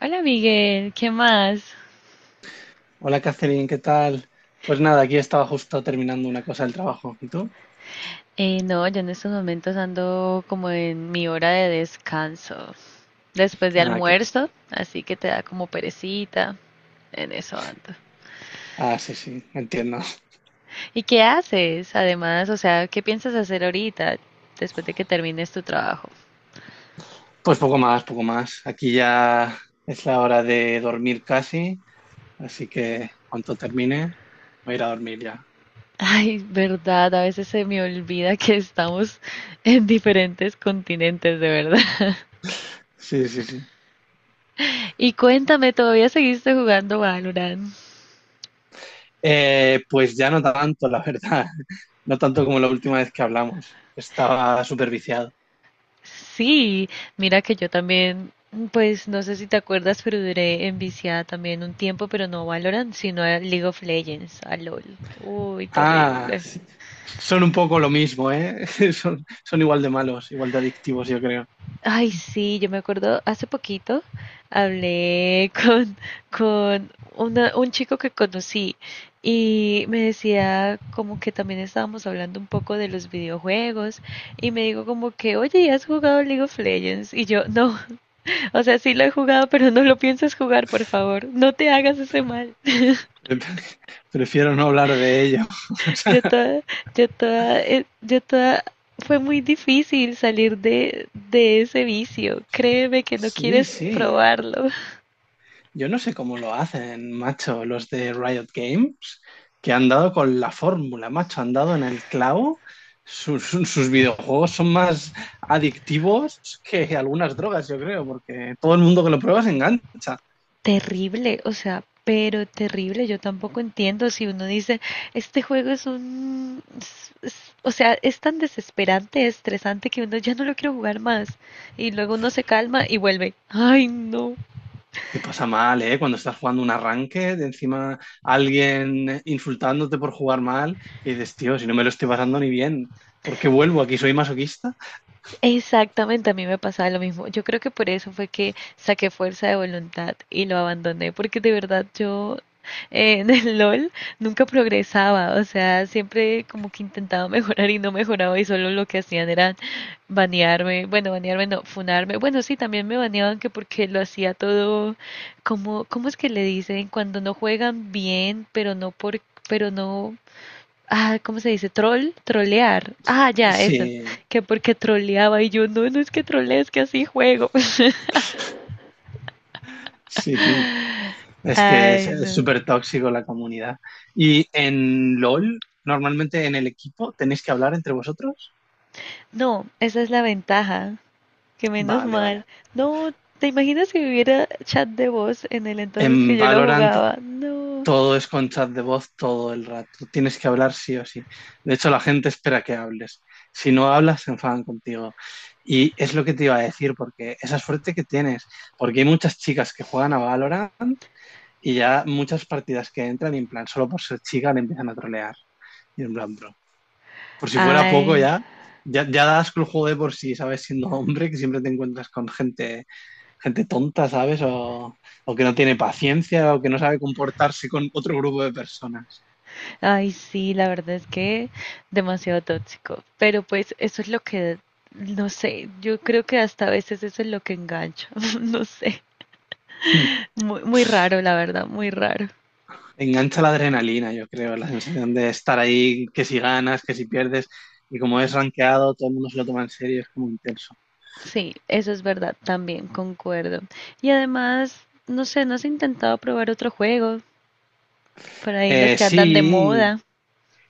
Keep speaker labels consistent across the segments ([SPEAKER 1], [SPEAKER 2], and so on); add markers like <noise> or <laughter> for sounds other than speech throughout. [SPEAKER 1] Hola Miguel, ¿qué más?
[SPEAKER 2] Hola Catherine, ¿qué tal? Pues nada, aquí estaba justo terminando una cosa del trabajo. ¿Y tú?
[SPEAKER 1] No, yo en estos momentos ando como en mi hora de descanso, después de
[SPEAKER 2] Ah, que...
[SPEAKER 1] almuerzo, así que te da como perecita, en eso ando.
[SPEAKER 2] ah, sí, sí, entiendo.
[SPEAKER 1] ¿Y qué haces? Además, o sea, ¿qué piensas hacer ahorita, después de que termines tu trabajo?
[SPEAKER 2] Pues poco más, poco más. Aquí ya es la hora de dormir casi, así que cuando termine voy a ir a dormir ya.
[SPEAKER 1] Ay, verdad, a veces se me olvida que estamos en diferentes continentes, de verdad. <laughs>
[SPEAKER 2] Sí, sí, sí.
[SPEAKER 1] Y cuéntame, ¿todavía seguiste jugando Valorant?
[SPEAKER 2] Pues ya no tanto, la verdad. <laughs> No tanto como la última vez que hablamos. Estaba súper viciado.
[SPEAKER 1] Sí, mira que yo también, pues no sé si te acuerdas, pero duré enviciada también un tiempo, pero no a Valorant, sino a League of Legends, a LOL. Uy,
[SPEAKER 2] Ah,
[SPEAKER 1] terrible.
[SPEAKER 2] sí. Son un poco lo mismo, ¿eh? <laughs> Son igual de malos, igual de adictivos, yo creo.
[SPEAKER 1] Ay, sí, yo me acuerdo hace poquito hablé <laughs> con un chico que conocí y me decía como que también estábamos hablando un poco de los videojuegos y me dijo como que, oye, ¿has jugado League of Legends? Y yo, no, o sea, sí lo he jugado, pero no lo pienses jugar, por favor. No te hagas ese mal. <laughs>
[SPEAKER 2] Pre- <laughs> Prefiero no hablar de ello.
[SPEAKER 1] Yo toda, yo toda, fue muy difícil salir de ese vicio. Créeme que no
[SPEAKER 2] Sí,
[SPEAKER 1] quieres
[SPEAKER 2] sí.
[SPEAKER 1] probarlo.
[SPEAKER 2] Yo no sé cómo lo hacen, macho, los de Riot Games, que han dado con la fórmula, macho, han dado en el clavo. Sus videojuegos son más adictivos que algunas drogas, yo creo, porque todo el mundo que lo prueba se engancha.
[SPEAKER 1] Terrible, o sea, pero terrible. Yo tampoco entiendo si uno dice, este juego es un, es- o sea, es tan desesperante, estresante que uno ya no lo quiero jugar más. Y luego uno se calma y vuelve. Ay, no.
[SPEAKER 2] Te pasa mal, ¿eh? Cuando estás jugando un arranque, de encima alguien insultándote por jugar mal, y dices, tío, si no me lo estoy pasando ni bien, ¿por qué vuelvo aquí? ¿Soy masoquista?
[SPEAKER 1] Exactamente, a mí me pasaba lo mismo. Yo creo que por eso fue que saqué fuerza de voluntad y lo abandoné, porque de verdad yo en el LOL nunca progresaba, o sea, siempre como que intentaba <laughs> mejorar y no mejoraba y solo lo que hacían era banearme, bueno, banearme no, funarme. Bueno, sí, también me baneaban que porque lo hacía todo como, ¿cómo es que le dicen? Cuando no juegan bien, pero no por, pero no ah, ¿cómo se dice? Troll, trolear. Ah, ya, eso.
[SPEAKER 2] Sí,
[SPEAKER 1] Que porque troleaba y yo, no, no es que trolee, es que así juego. <laughs>
[SPEAKER 2] sí, es que es
[SPEAKER 1] Ay,
[SPEAKER 2] es
[SPEAKER 1] no.
[SPEAKER 2] súper tóxico la comunidad. ¿Y en LOL, normalmente en el equipo, tenéis que hablar entre vosotros?
[SPEAKER 1] No, esa es la ventaja, que menos
[SPEAKER 2] Vale,
[SPEAKER 1] mal.
[SPEAKER 2] vale.
[SPEAKER 1] No, ¿te imaginas si hubiera chat de voz en el entonces que
[SPEAKER 2] En
[SPEAKER 1] yo lo
[SPEAKER 2] Valorant
[SPEAKER 1] jugaba? No.
[SPEAKER 2] todo es con chat de voz todo el rato. Tienes que hablar sí o sí. De hecho, la gente espera que hables. Si no hablas, se enfadan contigo. Y es lo que te iba a decir, porque esa suerte que tienes, porque hay muchas chicas que juegan a Valorant y ya muchas partidas que entran y en plan, solo por ser chica le empiezan a trolear. Y en plan, bro. Por si fuera poco
[SPEAKER 1] Ay,
[SPEAKER 2] ya, ya, ya das con el juego de por sí, ¿sabes? Siendo hombre, que siempre te encuentras con gente, gente tonta, ¿sabes? O que no tiene paciencia o que no sabe comportarse con otro grupo de personas.
[SPEAKER 1] ay, sí, la verdad es que demasiado tóxico. Pero pues eso es lo que, no sé, yo creo que hasta a veces eso es lo que engancha. <laughs> No sé.
[SPEAKER 2] Hmm.
[SPEAKER 1] Muy, muy raro, la verdad, muy raro.
[SPEAKER 2] Engancha la adrenalina, yo creo, la sensación de estar ahí, que si ganas, que si pierdes, y como es rankeado, todo el mundo se lo toma en serio, es como intenso.
[SPEAKER 1] Sí, eso es verdad, también concuerdo. Y además, no sé, ¿no has intentado probar otro juego? Por ahí los que andan de
[SPEAKER 2] Sí,
[SPEAKER 1] moda.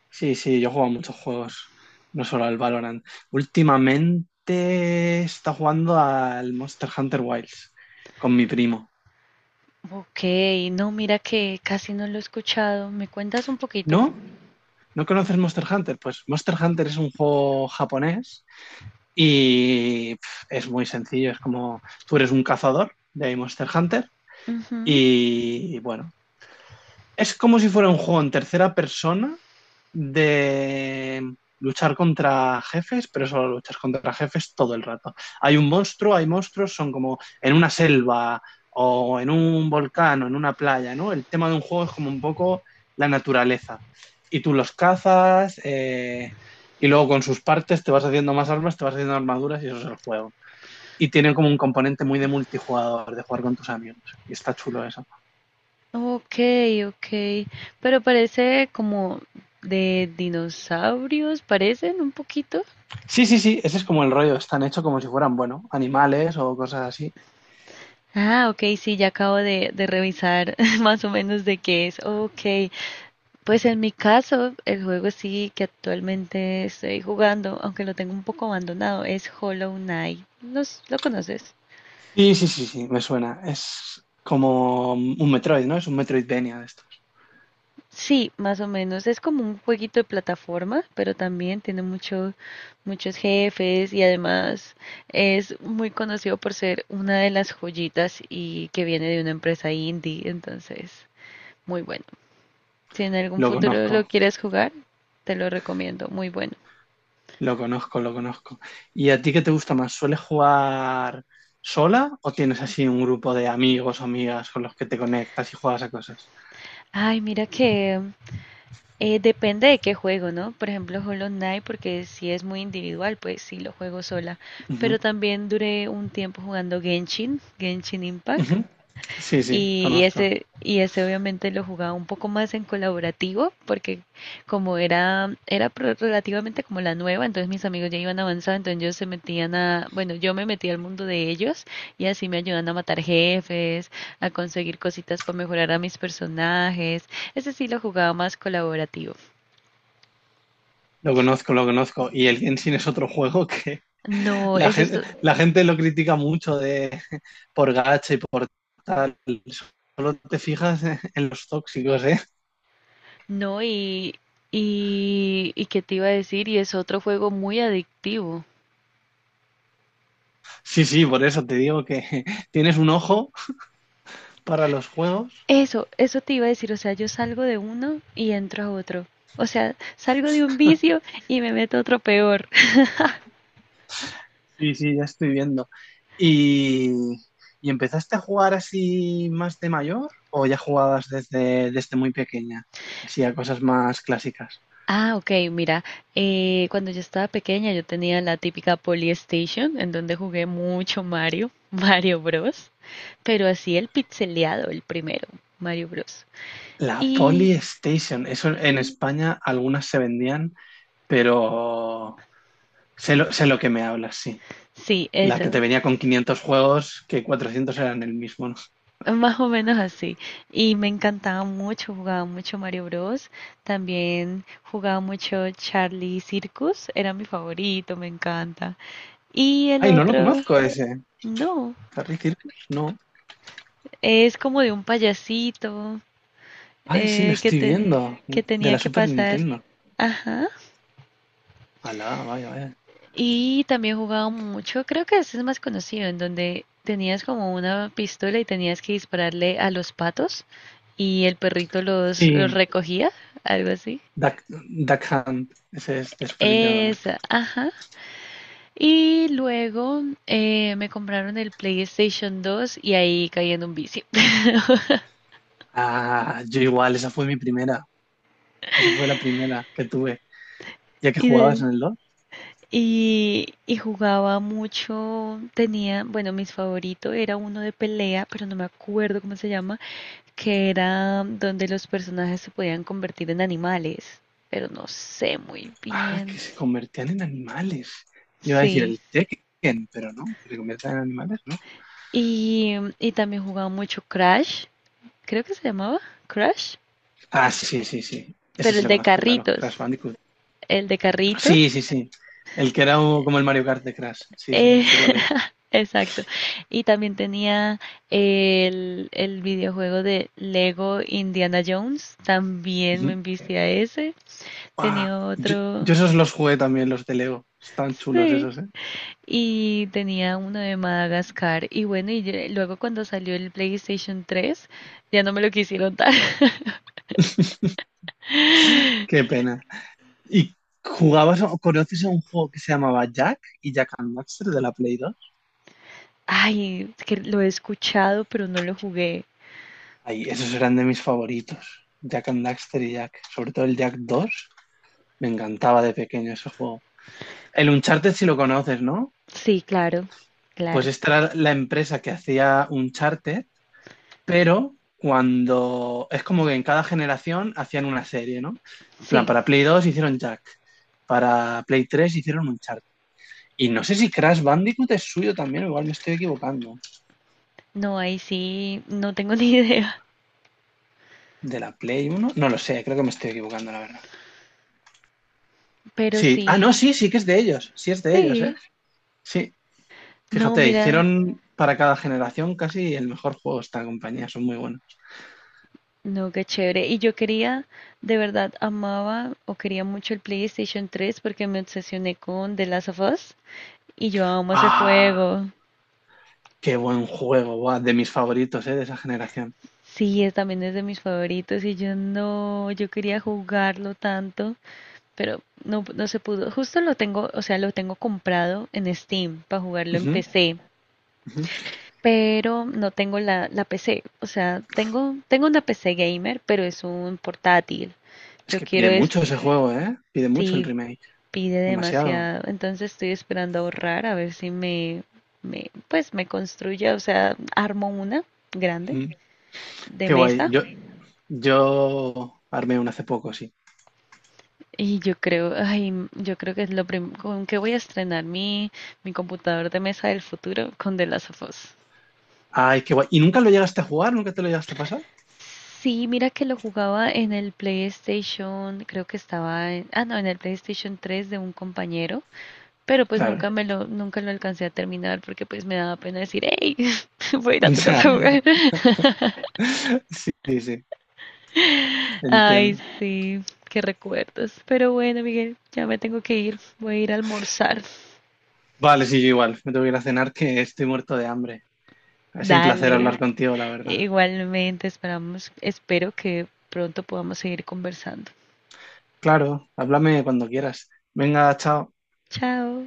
[SPEAKER 2] sí, sí, yo juego a muchos juegos, no solo al Valorant. Últimamente está jugando al Monster Hunter Wilds con mi primo.
[SPEAKER 1] Ok, no, mira que casi no lo he escuchado. ¿Me cuentas un poquito?
[SPEAKER 2] ¿No? ¿No conoces Monster Hunter? Pues Monster Hunter es un juego japonés y pf, es muy sencillo. Es como tú eres un cazador de Monster Hunter
[SPEAKER 1] Ujú.
[SPEAKER 2] y bueno, es como si fuera un juego en tercera persona de luchar contra jefes, pero solo luchas contra jefes todo el rato. Hay un monstruo, hay monstruos, son como en una selva o en un volcán o en una playa, ¿no? El tema de un juego es como un poco la naturaleza. Y tú los cazas y luego con sus partes te vas haciendo más armas, te vas haciendo armaduras y eso es el juego. Y tiene como un componente muy de multijugador, de jugar con tus amigos. Y está chulo eso.
[SPEAKER 1] Ok, ok. Pero parece como de dinosaurios, parecen un poquito.
[SPEAKER 2] Sí, sí, sí, ese es como el rollo. Están hechos como si fueran, bueno, animales o cosas así.
[SPEAKER 1] Ah, ok, sí, ya acabo de revisar <laughs> más o menos de qué es. Ok, pues en mi caso, el juego sí que actualmente estoy jugando, aunque lo tengo un poco abandonado, es Hollow Knight. ¿Lo conoces?
[SPEAKER 2] Sí, sí, sí, sí, me suena. Es como un Metroid, ¿no? Es un Metroidvania de estos.
[SPEAKER 1] Sí, más o menos. Es como un jueguito de plataforma, pero también tiene muchos jefes y además es muy conocido por ser una de las joyitas y que viene de una empresa indie, entonces, muy bueno. Si en algún
[SPEAKER 2] Lo
[SPEAKER 1] futuro lo
[SPEAKER 2] conozco,
[SPEAKER 1] quieres jugar, te lo recomiendo, muy bueno.
[SPEAKER 2] lo conozco. ¿Y a ti qué te gusta más? ¿Sueles jugar sola o tienes así un grupo de amigos o amigas con los que te conectas y juegas a cosas?
[SPEAKER 1] Ay, mira que depende de qué juego, ¿no? Por ejemplo, Hollow Knight, porque si es muy individual, pues sí lo juego sola.
[SPEAKER 2] Ujú,
[SPEAKER 1] Pero también duré un tiempo jugando Genshin, Genshin Impact.
[SPEAKER 2] ujú. Sí, sí,
[SPEAKER 1] Y, y
[SPEAKER 2] conozco.
[SPEAKER 1] ese, y ese obviamente lo jugaba un poco más en colaborativo, porque era relativamente como la nueva, entonces mis amigos ya iban avanzando, entonces ellos se metían a, bueno, yo me metí al mundo de ellos y así me ayudan a matar jefes, a conseguir cositas para mejorar a mis personajes. Ese sí lo jugaba más colaborativo.
[SPEAKER 2] Lo conozco, lo conozco. Y el Genshin es otro juego que <laughs>
[SPEAKER 1] No,
[SPEAKER 2] la
[SPEAKER 1] ese es
[SPEAKER 2] gente, la gente lo critica mucho de por gacha y por tal. Solo te fijas en los tóxicos, ¿eh?
[SPEAKER 1] no, y qué te iba a decir, y es otro juego muy adictivo.
[SPEAKER 2] Sí, sí, por eso te digo que <laughs> tienes un ojo para los juegos.
[SPEAKER 1] Eso te iba a decir, o sea, yo salgo de uno y entro a otro. O sea, salgo de un vicio y me meto a otro peor. <laughs>
[SPEAKER 2] Sí, sí, ya estoy viendo. ¿Y, y empezaste a jugar así más de mayor o ya jugabas desde, desde muy pequeña? Así a cosas más clásicas.
[SPEAKER 1] Ah, ok, mira, cuando yo estaba pequeña yo tenía la típica Polystation en donde jugué mucho Mario, <laughs> Mario Bros, pero así el pixeleado, el primero, Mario Bros.
[SPEAKER 2] La
[SPEAKER 1] Y
[SPEAKER 2] Polystation, eso en España algunas se vendían, pero sé lo que me hablas, sí.
[SPEAKER 1] sí,
[SPEAKER 2] La que te
[SPEAKER 1] eso,
[SPEAKER 2] venía con 500 juegos, que 400 eran el mismo, ¿no?
[SPEAKER 1] más o menos así. Y me encantaba mucho, jugaba mucho Mario Bros. También jugaba mucho Charlie Circus, era mi favorito, me encanta. Y el
[SPEAKER 2] Ay, no lo
[SPEAKER 1] otro,
[SPEAKER 2] conozco ese.
[SPEAKER 1] no,
[SPEAKER 2] Harry Circus, no.
[SPEAKER 1] es como de un payasito
[SPEAKER 2] Ay, sí, lo
[SPEAKER 1] eh, que,
[SPEAKER 2] estoy
[SPEAKER 1] ten-
[SPEAKER 2] viendo.
[SPEAKER 1] que
[SPEAKER 2] De
[SPEAKER 1] tenía
[SPEAKER 2] la
[SPEAKER 1] que
[SPEAKER 2] Super
[SPEAKER 1] pasar.
[SPEAKER 2] Nintendo.
[SPEAKER 1] Ajá.
[SPEAKER 2] Alá, vaya, vaya.
[SPEAKER 1] Y también jugaba mucho, creo que ese es más conocido, en donde tenías como una pistola y tenías que dispararle a los patos y el perrito los
[SPEAKER 2] Sí,
[SPEAKER 1] recogía, algo así.
[SPEAKER 2] Duck, Duck Hunt. Ese es de Super Nintendo también.
[SPEAKER 1] Esa, ajá. Y luego me compraron el PlayStation 2 y ahí caí en un vicio. <laughs>
[SPEAKER 2] Ah, yo igual, esa fue mi primera. Esa fue la primera que tuve. Ya que
[SPEAKER 1] Y,
[SPEAKER 2] jugabas
[SPEAKER 1] de-
[SPEAKER 2] en el DOS.
[SPEAKER 1] y jugaba mucho, tenía, bueno, mis favoritos era uno de pelea, pero no me acuerdo cómo se llama, que era donde los personajes se podían convertir en animales, pero no sé muy
[SPEAKER 2] Ah,
[SPEAKER 1] bien.
[SPEAKER 2] que se convertían en animales. Iba a decir
[SPEAKER 1] Sí.
[SPEAKER 2] el Tekken, pero no. Que se convertían en animales, ¿no?
[SPEAKER 1] Y, y también jugaba mucho Crash, creo que se llamaba Crash,
[SPEAKER 2] Ah, sí, sí, sí. Ese
[SPEAKER 1] pero
[SPEAKER 2] sí
[SPEAKER 1] el
[SPEAKER 2] lo
[SPEAKER 1] de
[SPEAKER 2] conozco, claro.
[SPEAKER 1] carritos.
[SPEAKER 2] Crash Bandicoot.
[SPEAKER 1] El de carrito.
[SPEAKER 2] Sí, sí, sí. El que era como el Mario Kart de Crash. Sí, sí,
[SPEAKER 1] Eh,
[SPEAKER 2] sé cuál es.
[SPEAKER 1] <laughs> exacto. Y también tenía el videojuego de Lego Indiana Jones. También me envicié a ese.
[SPEAKER 2] Ah,
[SPEAKER 1] Tenía otro.
[SPEAKER 2] yo esos los jugué también, los de Lego. Están chulos
[SPEAKER 1] Sí.
[SPEAKER 2] esos, ¿eh?
[SPEAKER 1] Y tenía uno de Madagascar. Y bueno, luego cuando salió el PlayStation 3, ya no me lo quisieron dar. <laughs>
[SPEAKER 2] Qué pena. ¿Y jugabas o conoces a un juego que se llamaba Jack y Jack and Daxter de la Play 2?
[SPEAKER 1] Ay, es que lo he escuchado, pero no lo jugué.
[SPEAKER 2] Ay, esos eran de mis favoritos. Jack and Daxter y Jack. Sobre todo el Jack 2. Me encantaba de pequeño ese juego. El Uncharted si lo conoces, ¿no?
[SPEAKER 1] Sí, claro,
[SPEAKER 2] Pues
[SPEAKER 1] claro.
[SPEAKER 2] esta era la empresa que hacía Uncharted, pero cuando es como que en cada generación hacían una serie, ¿no? En plan,
[SPEAKER 1] Sí.
[SPEAKER 2] para Play dos hicieron Jack, para Play 3 hicieron Uncharted. Y no sé si Crash Bandicoot es suyo también, igual me estoy equivocando.
[SPEAKER 1] No, ahí sí, no tengo <laughs> ni idea.
[SPEAKER 2] ¿De la Play uno? No lo sé, creo que me estoy equivocando, la verdad.
[SPEAKER 1] Pero
[SPEAKER 2] Sí, ah,
[SPEAKER 1] sí,
[SPEAKER 2] no, sí, sí que es de ellos, sí es de ellos, ¿eh?
[SPEAKER 1] sí.
[SPEAKER 2] Sí,
[SPEAKER 1] No,
[SPEAKER 2] fíjate,
[SPEAKER 1] mira,
[SPEAKER 2] hicieron para cada generación casi el mejor juego esta compañía, son muy buenos.
[SPEAKER 1] no, qué chévere. Y yo quería, de verdad, amaba o quería mucho el PlayStation 3 porque me obsesioné con The Last of Us y yo amo ese
[SPEAKER 2] Ah,
[SPEAKER 1] juego.
[SPEAKER 2] qué buen juego, guau, de mis favoritos, ¿eh? De esa generación.
[SPEAKER 1] Sí, es, también es de mis favoritos y yo no, yo quería jugarlo tanto, pero no, no se pudo. Justo lo tengo, o sea, lo tengo comprado en Steam para jugarlo en
[SPEAKER 2] Ujú,
[SPEAKER 1] PC,
[SPEAKER 2] ujú.
[SPEAKER 1] pero no tengo la PC. O sea, tengo una PC gamer, pero es un portátil.
[SPEAKER 2] Es
[SPEAKER 1] Yo
[SPEAKER 2] que
[SPEAKER 1] quiero
[SPEAKER 2] pide
[SPEAKER 1] es,
[SPEAKER 2] mucho ese juego, ¿eh? Pide mucho el
[SPEAKER 1] si
[SPEAKER 2] remake.
[SPEAKER 1] pide
[SPEAKER 2] Demasiado.
[SPEAKER 1] demasiado, entonces estoy esperando ahorrar a ver si me, me pues me construya, o sea, armo una grande
[SPEAKER 2] Mm.
[SPEAKER 1] de
[SPEAKER 2] Qué guay.
[SPEAKER 1] mesa
[SPEAKER 2] Yo armé uno hace poco, sí.
[SPEAKER 1] y yo creo, ay, yo creo que es lo primero con que voy a estrenar mi, mi computador de mesa del futuro con The Last of Us.
[SPEAKER 2] Ay, qué guay. ¿Y nunca lo llegaste a jugar? ¿Nunca te lo llegaste a pasar?
[SPEAKER 1] Sí, mira que lo jugaba en el PlayStation, creo que estaba en, ah no, en el PlayStation 3 de un compañero, pero pues
[SPEAKER 2] Claro.
[SPEAKER 1] nunca me
[SPEAKER 2] <laughs>
[SPEAKER 1] lo, nunca lo alcancé a terminar porque pues me daba pena decir, hey, <laughs> voy a ir a tu casa a
[SPEAKER 2] Ya,
[SPEAKER 1] jugar. <laughs>
[SPEAKER 2] sí, sí, sí.
[SPEAKER 1] Ay,
[SPEAKER 2] Entiendo.
[SPEAKER 1] sí, qué recuerdos. Pero bueno, Miguel, ya me tengo que ir, voy a ir a almorzar.
[SPEAKER 2] Vale, sí, yo igual. Me tengo que ir a cenar que estoy muerto de hambre. Ha sido un placer
[SPEAKER 1] Dale.
[SPEAKER 2] hablar contigo, la verdad.
[SPEAKER 1] Igualmente, esperamos, espero que pronto podamos seguir conversando.
[SPEAKER 2] Claro, háblame cuando quieras. Venga, chao.
[SPEAKER 1] Chao.